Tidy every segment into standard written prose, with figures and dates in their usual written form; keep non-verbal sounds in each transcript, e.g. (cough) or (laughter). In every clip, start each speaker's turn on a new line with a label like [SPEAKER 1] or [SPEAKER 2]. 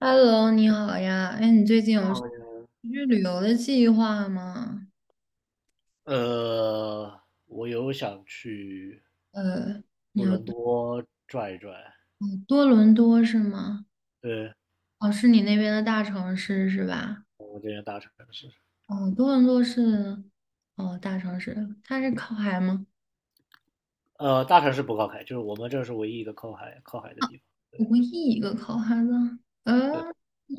[SPEAKER 1] Hello，你好呀，哎，你最近有去旅游的计划吗？
[SPEAKER 2] 呃，我有想去多伦
[SPEAKER 1] 呃，你有
[SPEAKER 2] 多转一转，
[SPEAKER 1] 多伦多是吗？
[SPEAKER 2] 对，
[SPEAKER 1] 哦，是你那边的大城市是吧？
[SPEAKER 2] 我这边大城市，
[SPEAKER 1] 哦，多伦多是哦大城市，它是靠海吗？
[SPEAKER 2] 大城市不靠海，就是我们这是唯一一个靠海的地方。
[SPEAKER 1] 我唯一一个靠海的，嗯，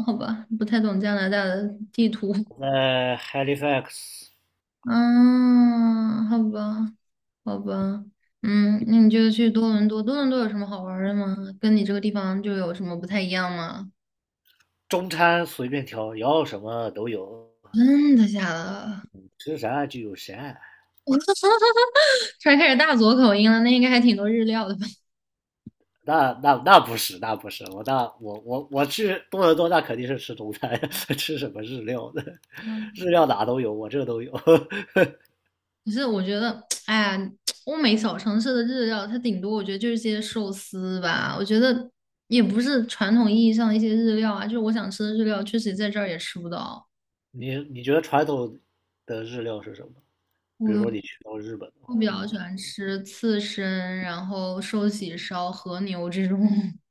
[SPEAKER 1] 好吧，不太懂加拿大的地图。
[SPEAKER 2] 我在 Halifax
[SPEAKER 1] 嗯，好吧，好吧，嗯，那你就去多伦多。多伦多有什么好玩儿的吗？跟你这个地方就有什么不太一样吗？
[SPEAKER 2] 中餐随便挑，要什么都有，
[SPEAKER 1] 真的假的？
[SPEAKER 2] 吃啥就有啥。
[SPEAKER 1] 我 (laughs) 突然开始大佐口音了，那应该还挺多日料的吧？
[SPEAKER 2] 那不是，我去多伦多，那肯定是吃中餐，(laughs) 吃什么日料的，
[SPEAKER 1] 嗯，
[SPEAKER 2] 日料哪都有，我这都有。
[SPEAKER 1] (laughs) 可是我觉得，哎呀，欧美小城市的日料，它顶多我觉得就是些寿司吧。我觉得也不是传统意义上的一些日料啊，就是我想吃的日料，确实在这儿也吃不到。
[SPEAKER 2] (laughs) 你觉得传统的日料是什么？比如说你
[SPEAKER 1] 我
[SPEAKER 2] 去到日本的
[SPEAKER 1] 我
[SPEAKER 2] 话，
[SPEAKER 1] 比较喜欢吃刺身，然后寿喜烧、和牛这种。(laughs)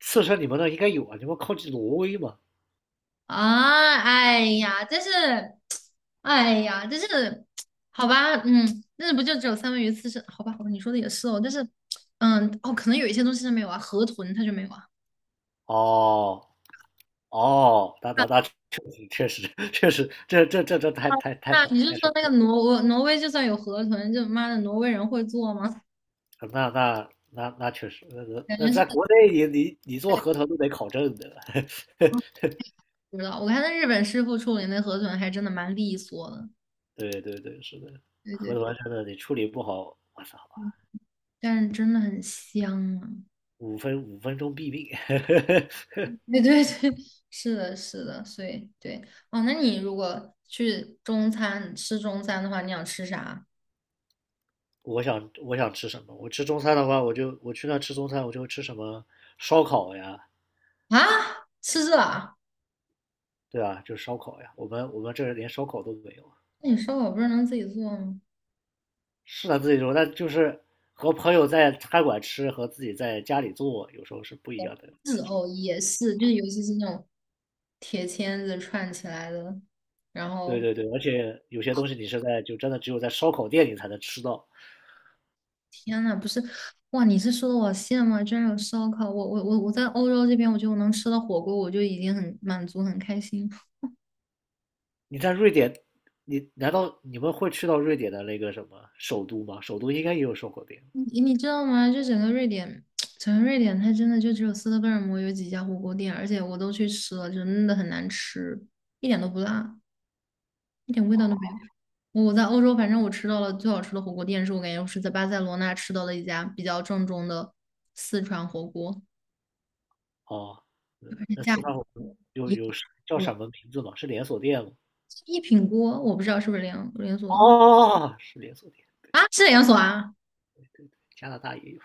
[SPEAKER 2] 刺身你们那应该有啊，你们靠近挪威嘛？
[SPEAKER 1] 啊，哎呀，真是，哎呀，真是，好吧，嗯，那不就只有三文鱼刺身？好吧，好吧，你说的也是哦，但是，嗯，哦，可能有一些东西它没有啊，河豚它就没有啊。
[SPEAKER 2] 哦哦，那确实，这太太太
[SPEAKER 1] 那
[SPEAKER 2] 少
[SPEAKER 1] 你就
[SPEAKER 2] 太少
[SPEAKER 1] 说那个
[SPEAKER 2] 了，
[SPEAKER 1] 挪威，挪威就算有河豚，就妈的挪威人会做吗？
[SPEAKER 2] 那确实，那那
[SPEAKER 1] 感
[SPEAKER 2] 那
[SPEAKER 1] 觉是，
[SPEAKER 2] 在国内你做
[SPEAKER 1] 对，
[SPEAKER 2] 河豚都得考证的，(laughs)
[SPEAKER 1] 啊不知道。我看那日本师傅处理那河豚还真的蛮利索的，
[SPEAKER 2] 对对对，是的，河
[SPEAKER 1] 对
[SPEAKER 2] 豚真的你处理不好，我操，
[SPEAKER 1] 对，对但是真的很香啊。
[SPEAKER 2] 五分钟毙命。(laughs)
[SPEAKER 1] (laughs) 对对对，是的，是的，所以对，哦，那你如果去中餐吃中餐的话，你想吃啥
[SPEAKER 2] 我想吃什么？我吃中餐的话，我去那吃中餐，我就吃什么烧烤呀，
[SPEAKER 1] 啊？吃这啊？
[SPEAKER 2] 对啊，就是烧烤呀。我们这儿连烧烤都没有啊，
[SPEAKER 1] 那你烧烤不是能自己做吗？
[SPEAKER 2] 是他自己做，但就是和朋友在餐馆吃和自己在家里做，有时候是不一样的
[SPEAKER 1] 是
[SPEAKER 2] 感觉。
[SPEAKER 1] 哦，也是，就是尤其是那种铁签子串起来的，然
[SPEAKER 2] 对
[SPEAKER 1] 后
[SPEAKER 2] 对对，而且有些东西你是在就真的只有在烧烤店里才能吃到。
[SPEAKER 1] 天呐，不是，哇，你是说的我羡慕啊，居然有烧烤，我在欧洲这边，我觉得我能吃到火锅，我就已经很满足很开心。
[SPEAKER 2] 你在瑞典，你难道你们会去到瑞典的那个什么首都吗？首都应该也有烧烤店
[SPEAKER 1] 你知道吗？就整个瑞典，(tsk) 整个瑞典，它真的就只有斯德哥尔摩有几家火锅店，而且我都去吃了，真的很难吃，一点都不辣，一点味道都没有。我在欧洲，反正我吃到了最好吃的火锅店，是我感觉我是在巴塞罗那吃到了一家比较正宗的四川火锅，
[SPEAKER 2] 哦。
[SPEAKER 1] 而且
[SPEAKER 2] 那
[SPEAKER 1] 价
[SPEAKER 2] 四川
[SPEAKER 1] 格
[SPEAKER 2] 火锅有
[SPEAKER 1] 也
[SPEAKER 2] 有叫
[SPEAKER 1] 我
[SPEAKER 2] 什么名字吗？是连锁店吗？
[SPEAKER 1] 一品锅，我不知道是不是连锁
[SPEAKER 2] 哦，是连锁店，
[SPEAKER 1] 啊？是连锁啊？
[SPEAKER 2] 加拿大也有。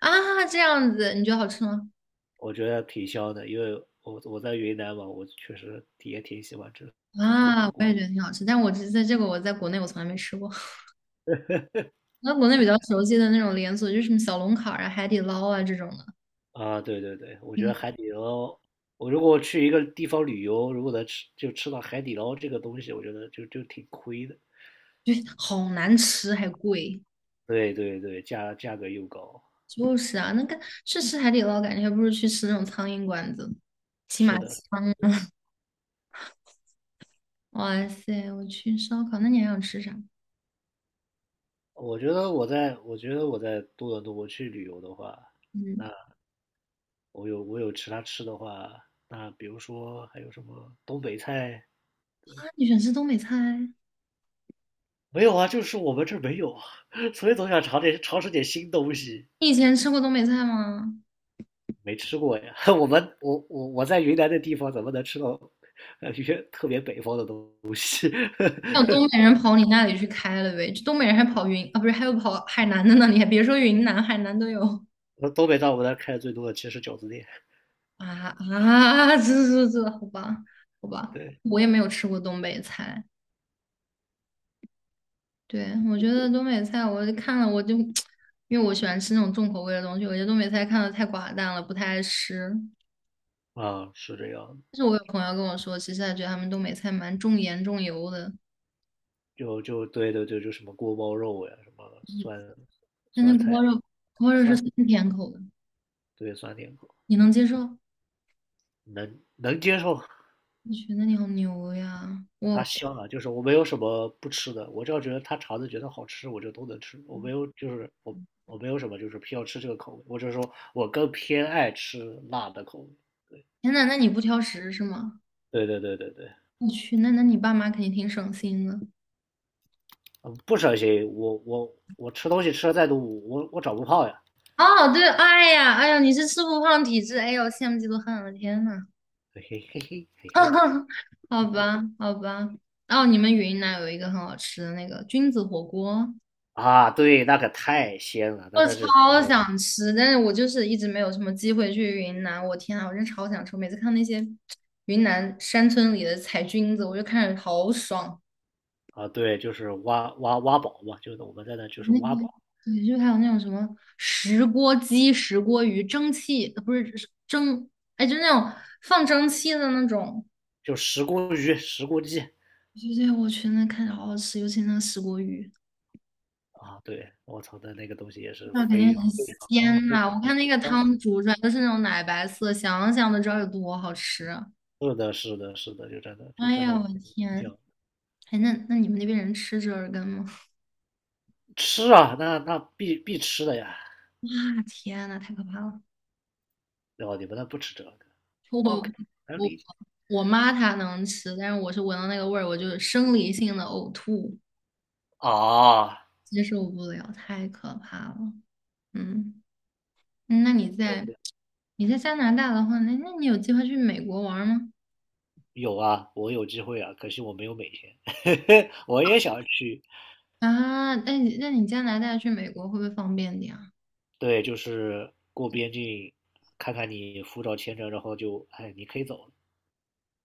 [SPEAKER 1] 啊，这样子你觉得好吃吗？
[SPEAKER 2] 我觉得挺香的，因为我在云南嘛，我确实也挺喜欢吃四川
[SPEAKER 1] 啊，
[SPEAKER 2] 火
[SPEAKER 1] 我也
[SPEAKER 2] 锅
[SPEAKER 1] 觉
[SPEAKER 2] 的。
[SPEAKER 1] 得挺好吃，但我这在这个我在国内我从来没吃过。那国内比较熟悉的那种连锁，就是什么小龙坎儿啊、海底捞啊这种的，
[SPEAKER 2] 啊，对对对，我觉得
[SPEAKER 1] 嗯，
[SPEAKER 2] 海底捞，我如果去一个地方旅游，如果能吃就吃到海底捞这个东西，我觉得就挺亏的。
[SPEAKER 1] 对，好难吃还贵。
[SPEAKER 2] 对对对，价格又高。
[SPEAKER 1] 就是啊，那个去吃海底捞，感觉还不如去吃那种苍蝇馆子，起码
[SPEAKER 2] 是的，
[SPEAKER 1] 香。哇塞，我去烧烤，那你还想吃啥？
[SPEAKER 2] 我觉得我在多伦多我去旅游的话，
[SPEAKER 1] 嗯，
[SPEAKER 2] 我有其他吃的话，那比如说还有什么东北菜？
[SPEAKER 1] 啊，你喜欢吃东北菜？
[SPEAKER 2] 没有啊，就是我们这儿没有啊，(laughs) 所以总想尝试点新东西。
[SPEAKER 1] 你以前吃过东北菜吗？
[SPEAKER 2] 没吃过呀。(laughs) 我们我我我在云南的地方怎么能吃到一些特别北方的东西？
[SPEAKER 1] 还有
[SPEAKER 2] (laughs)
[SPEAKER 1] 东北人跑你那里去开了呗？这东北人还跑云啊，不是，还有跑海南的呢。你还别说云南，海南都有。
[SPEAKER 2] 东北在我们那儿开的最多的其实是饺子店。
[SPEAKER 1] 啊啊，这，好吧，好吧，
[SPEAKER 2] 对，
[SPEAKER 1] 我也没有吃过东北菜。对，我觉得东北菜，我看了我就，因为我喜欢吃那种重口味的东西，我觉得东北菜看的太寡淡了，不太爱吃。
[SPEAKER 2] 啊，是这样。
[SPEAKER 1] 但是我有朋友跟我说，其实他觉得他们东北菜蛮重盐重油的，
[SPEAKER 2] 就对对对，就什么锅包肉呀，什么酸
[SPEAKER 1] 但
[SPEAKER 2] 酸
[SPEAKER 1] 是锅
[SPEAKER 2] 菜
[SPEAKER 1] 包肉，锅包肉是
[SPEAKER 2] 酸，
[SPEAKER 1] 酸甜口的，
[SPEAKER 2] 对酸甜口，
[SPEAKER 1] 你能接受？
[SPEAKER 2] 能接受。
[SPEAKER 1] 我觉得你好牛呀！
[SPEAKER 2] 它香啊，就是我没有什么不吃的，我只要觉得他肠子觉得好吃，我就都能吃。我没有，就是我没有什么就是偏要吃这个口味，我只是说我更偏爱吃辣的口味。
[SPEAKER 1] 天呐，那你不挑食是吗？
[SPEAKER 2] 对对对对对对，
[SPEAKER 1] 我去，那你爸妈肯定挺省心的。
[SPEAKER 2] 嗯，不省心。我吃东西吃的再多，我长不胖呀。(laughs)
[SPEAKER 1] 哦，对，哎呀，哎呀，你是吃不胖体质，哎呦，羡慕嫉妒恨我的天呐，
[SPEAKER 2] 嘿嘿嘿嘿。
[SPEAKER 1] (laughs) 好吧，好吧。哦，你们云南有一个很好吃的那个菌子火锅，
[SPEAKER 2] 啊，对，那可太鲜了，那
[SPEAKER 1] 我
[SPEAKER 2] 那是
[SPEAKER 1] 超想吃，但是我就是一直没有什么机会去云南。我天啊，我真超想吃！我每次看那些云南山村里的采菌子，我就看着好爽。
[SPEAKER 2] 啊，对，就是挖宝嘛，就是我们在那就是
[SPEAKER 1] 那
[SPEAKER 2] 挖宝，
[SPEAKER 1] 对，就还有那种什么石锅鸡、石锅鱼、蒸汽，不是是蒸，哎，就那种放蒸汽的那种。
[SPEAKER 2] 就石锅鱼、石锅鸡，
[SPEAKER 1] 觉得我去那看着好好吃，尤其那个石锅鱼，
[SPEAKER 2] 啊，对，我操的那个东西也是
[SPEAKER 1] 那肯定
[SPEAKER 2] 非
[SPEAKER 1] 很
[SPEAKER 2] 非常
[SPEAKER 1] 鲜
[SPEAKER 2] 非
[SPEAKER 1] 呐、
[SPEAKER 2] 常
[SPEAKER 1] 我
[SPEAKER 2] 的
[SPEAKER 1] 看那个
[SPEAKER 2] 香。
[SPEAKER 1] 汤煮出来都是那种奶白色，想想都知道有多好吃。
[SPEAKER 2] 是的，是的，是的，就真的就
[SPEAKER 1] 哎
[SPEAKER 2] 真
[SPEAKER 1] 呀，
[SPEAKER 2] 的
[SPEAKER 1] 我的天！
[SPEAKER 2] 香。
[SPEAKER 1] 哎，那你们那边人吃折耳根吗？
[SPEAKER 2] 吃啊，那必吃的呀。
[SPEAKER 1] 哇，天呐，太可怕了！
[SPEAKER 2] 哦，你们那不吃这个
[SPEAKER 1] 我
[SPEAKER 2] ？OK，能
[SPEAKER 1] 我
[SPEAKER 2] 理解
[SPEAKER 1] 我妈她能吃，但是我是闻到那个味儿，我就生理性的呕吐，
[SPEAKER 2] 啊。
[SPEAKER 1] 接受不了，太可怕了。嗯，嗯那你在加拿大的话，那你有计划去美国玩儿吗？
[SPEAKER 2] 有啊，我有机会啊，可惜我没有美签。(laughs) 我也想去，
[SPEAKER 1] 啊，那你加拿大去美国会不会方便点啊？
[SPEAKER 2] 对，就是过边境，看看你护照、签证，然后就，哎，你可以走了。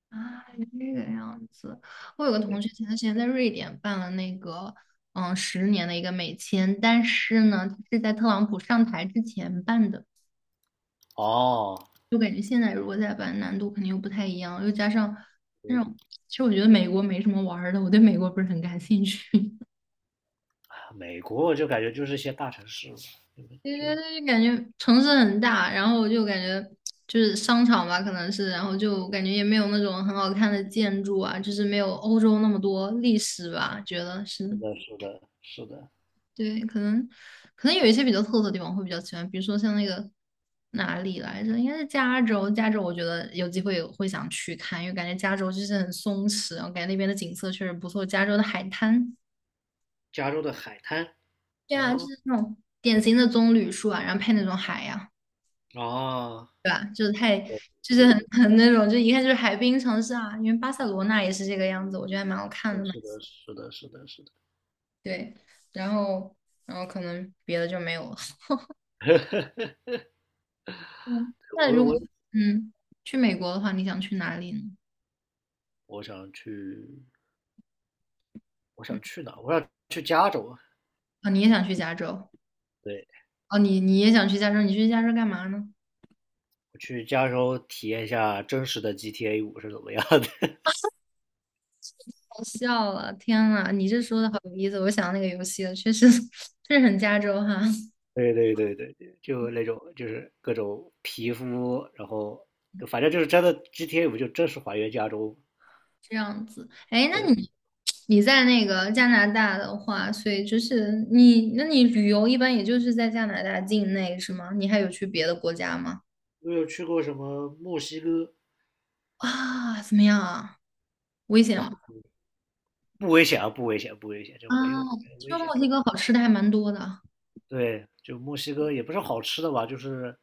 [SPEAKER 1] 啊，这个样子。我有个同学前段时间在瑞典办了那个10年的一个美签，但是呢，他是在特朗普上台之前办的，
[SPEAKER 2] 哦，
[SPEAKER 1] 就感觉现在如果再办，难度肯定又不太一样，又加上那种，其实我觉得美国没什么玩儿的，我对美国不是很感兴趣。
[SPEAKER 2] 美国我就感觉就是一些大城市嘛，你们
[SPEAKER 1] 对
[SPEAKER 2] 就，
[SPEAKER 1] 对
[SPEAKER 2] 是
[SPEAKER 1] 对，就感觉城市很大，然后我就感觉就是商场吧，可能是，然后就感觉也没有那种很好看的建筑啊，就是没有欧洲那么多历史吧，觉得是，
[SPEAKER 2] 的，是的，是的。
[SPEAKER 1] 对，可能有一些比较特色的地方会比较喜欢，比如说像那个哪里来着，应该是加州，加州我觉得有机会会想去看，因为感觉加州就是很松弛，然后感觉那边的景色确实不错，加州的海滩，
[SPEAKER 2] 加州的海滩。
[SPEAKER 1] 对啊，就
[SPEAKER 2] 哦
[SPEAKER 1] 是那种典型的棕榈树啊，然后配那种海呀、
[SPEAKER 2] 哦，
[SPEAKER 1] 就
[SPEAKER 2] 对
[SPEAKER 1] 是
[SPEAKER 2] 对
[SPEAKER 1] 很
[SPEAKER 2] 对，
[SPEAKER 1] (laughs) 很那种，就一看就是海滨城市啊，因为巴塞罗那也是这个样子，我觉得还蛮好看的，嘛。
[SPEAKER 2] 是的，是的，是的，是的。
[SPEAKER 1] 对。然后，然后可能别的就没有了。嗯，那
[SPEAKER 2] 我
[SPEAKER 1] 如果
[SPEAKER 2] 我
[SPEAKER 1] 嗯去美国的话，你想去哪里呢？
[SPEAKER 2] 我想去，我想去哪我想去加州啊。
[SPEAKER 1] 啊、你也想去加州？
[SPEAKER 2] 对，
[SPEAKER 1] 哦，你也想去加州？你去加州干嘛呢？
[SPEAKER 2] 我去加州体验一下真实的 GTA 五是怎么样的。(laughs)
[SPEAKER 1] 好笑了，天呐，你这说的好有意思，我想到那个游戏了，确实 (laughs) 确实很加州哈。
[SPEAKER 2] 对对对对对，就那种就是各种皮肤，然后反正就是真的 GTA 五就真实还原加州。
[SPEAKER 1] 这样子，哎，那你你在那个加拿大的话，所以就是你，那你旅游一般也就是在加拿大境内是吗？你还有去别的国家吗？
[SPEAKER 2] 我有去过什么墨西哥？
[SPEAKER 1] 啊，怎么样啊？危险
[SPEAKER 2] 哇，
[SPEAKER 1] 吗？
[SPEAKER 2] 不危险啊，不危险，不危险，就
[SPEAKER 1] 啊，
[SPEAKER 2] 没有没有危
[SPEAKER 1] 听说
[SPEAKER 2] 险。
[SPEAKER 1] 墨西哥好吃的还蛮多的啊，
[SPEAKER 2] 对，就墨西哥也不是好吃的吧，就是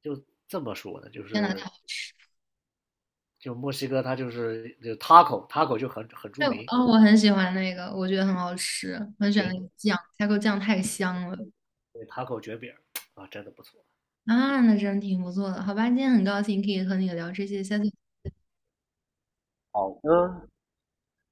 [SPEAKER 2] 就这么说的，就
[SPEAKER 1] 加拿大
[SPEAKER 2] 是
[SPEAKER 1] 好吃。
[SPEAKER 2] 就墨西哥它就是就 taco，taco 就很著
[SPEAKER 1] 对，
[SPEAKER 2] 名，
[SPEAKER 1] 哦，我很喜欢那个，我觉得很好吃，我很喜欢
[SPEAKER 2] 卷
[SPEAKER 1] 那
[SPEAKER 2] 饼，
[SPEAKER 1] 个酱 TA 酱太香了
[SPEAKER 2] 对，taco 卷饼啊，真的不错。
[SPEAKER 1] 啊，那真挺不错的。好吧，今天很高兴可以和你聊这些，下次。
[SPEAKER 2] 好的。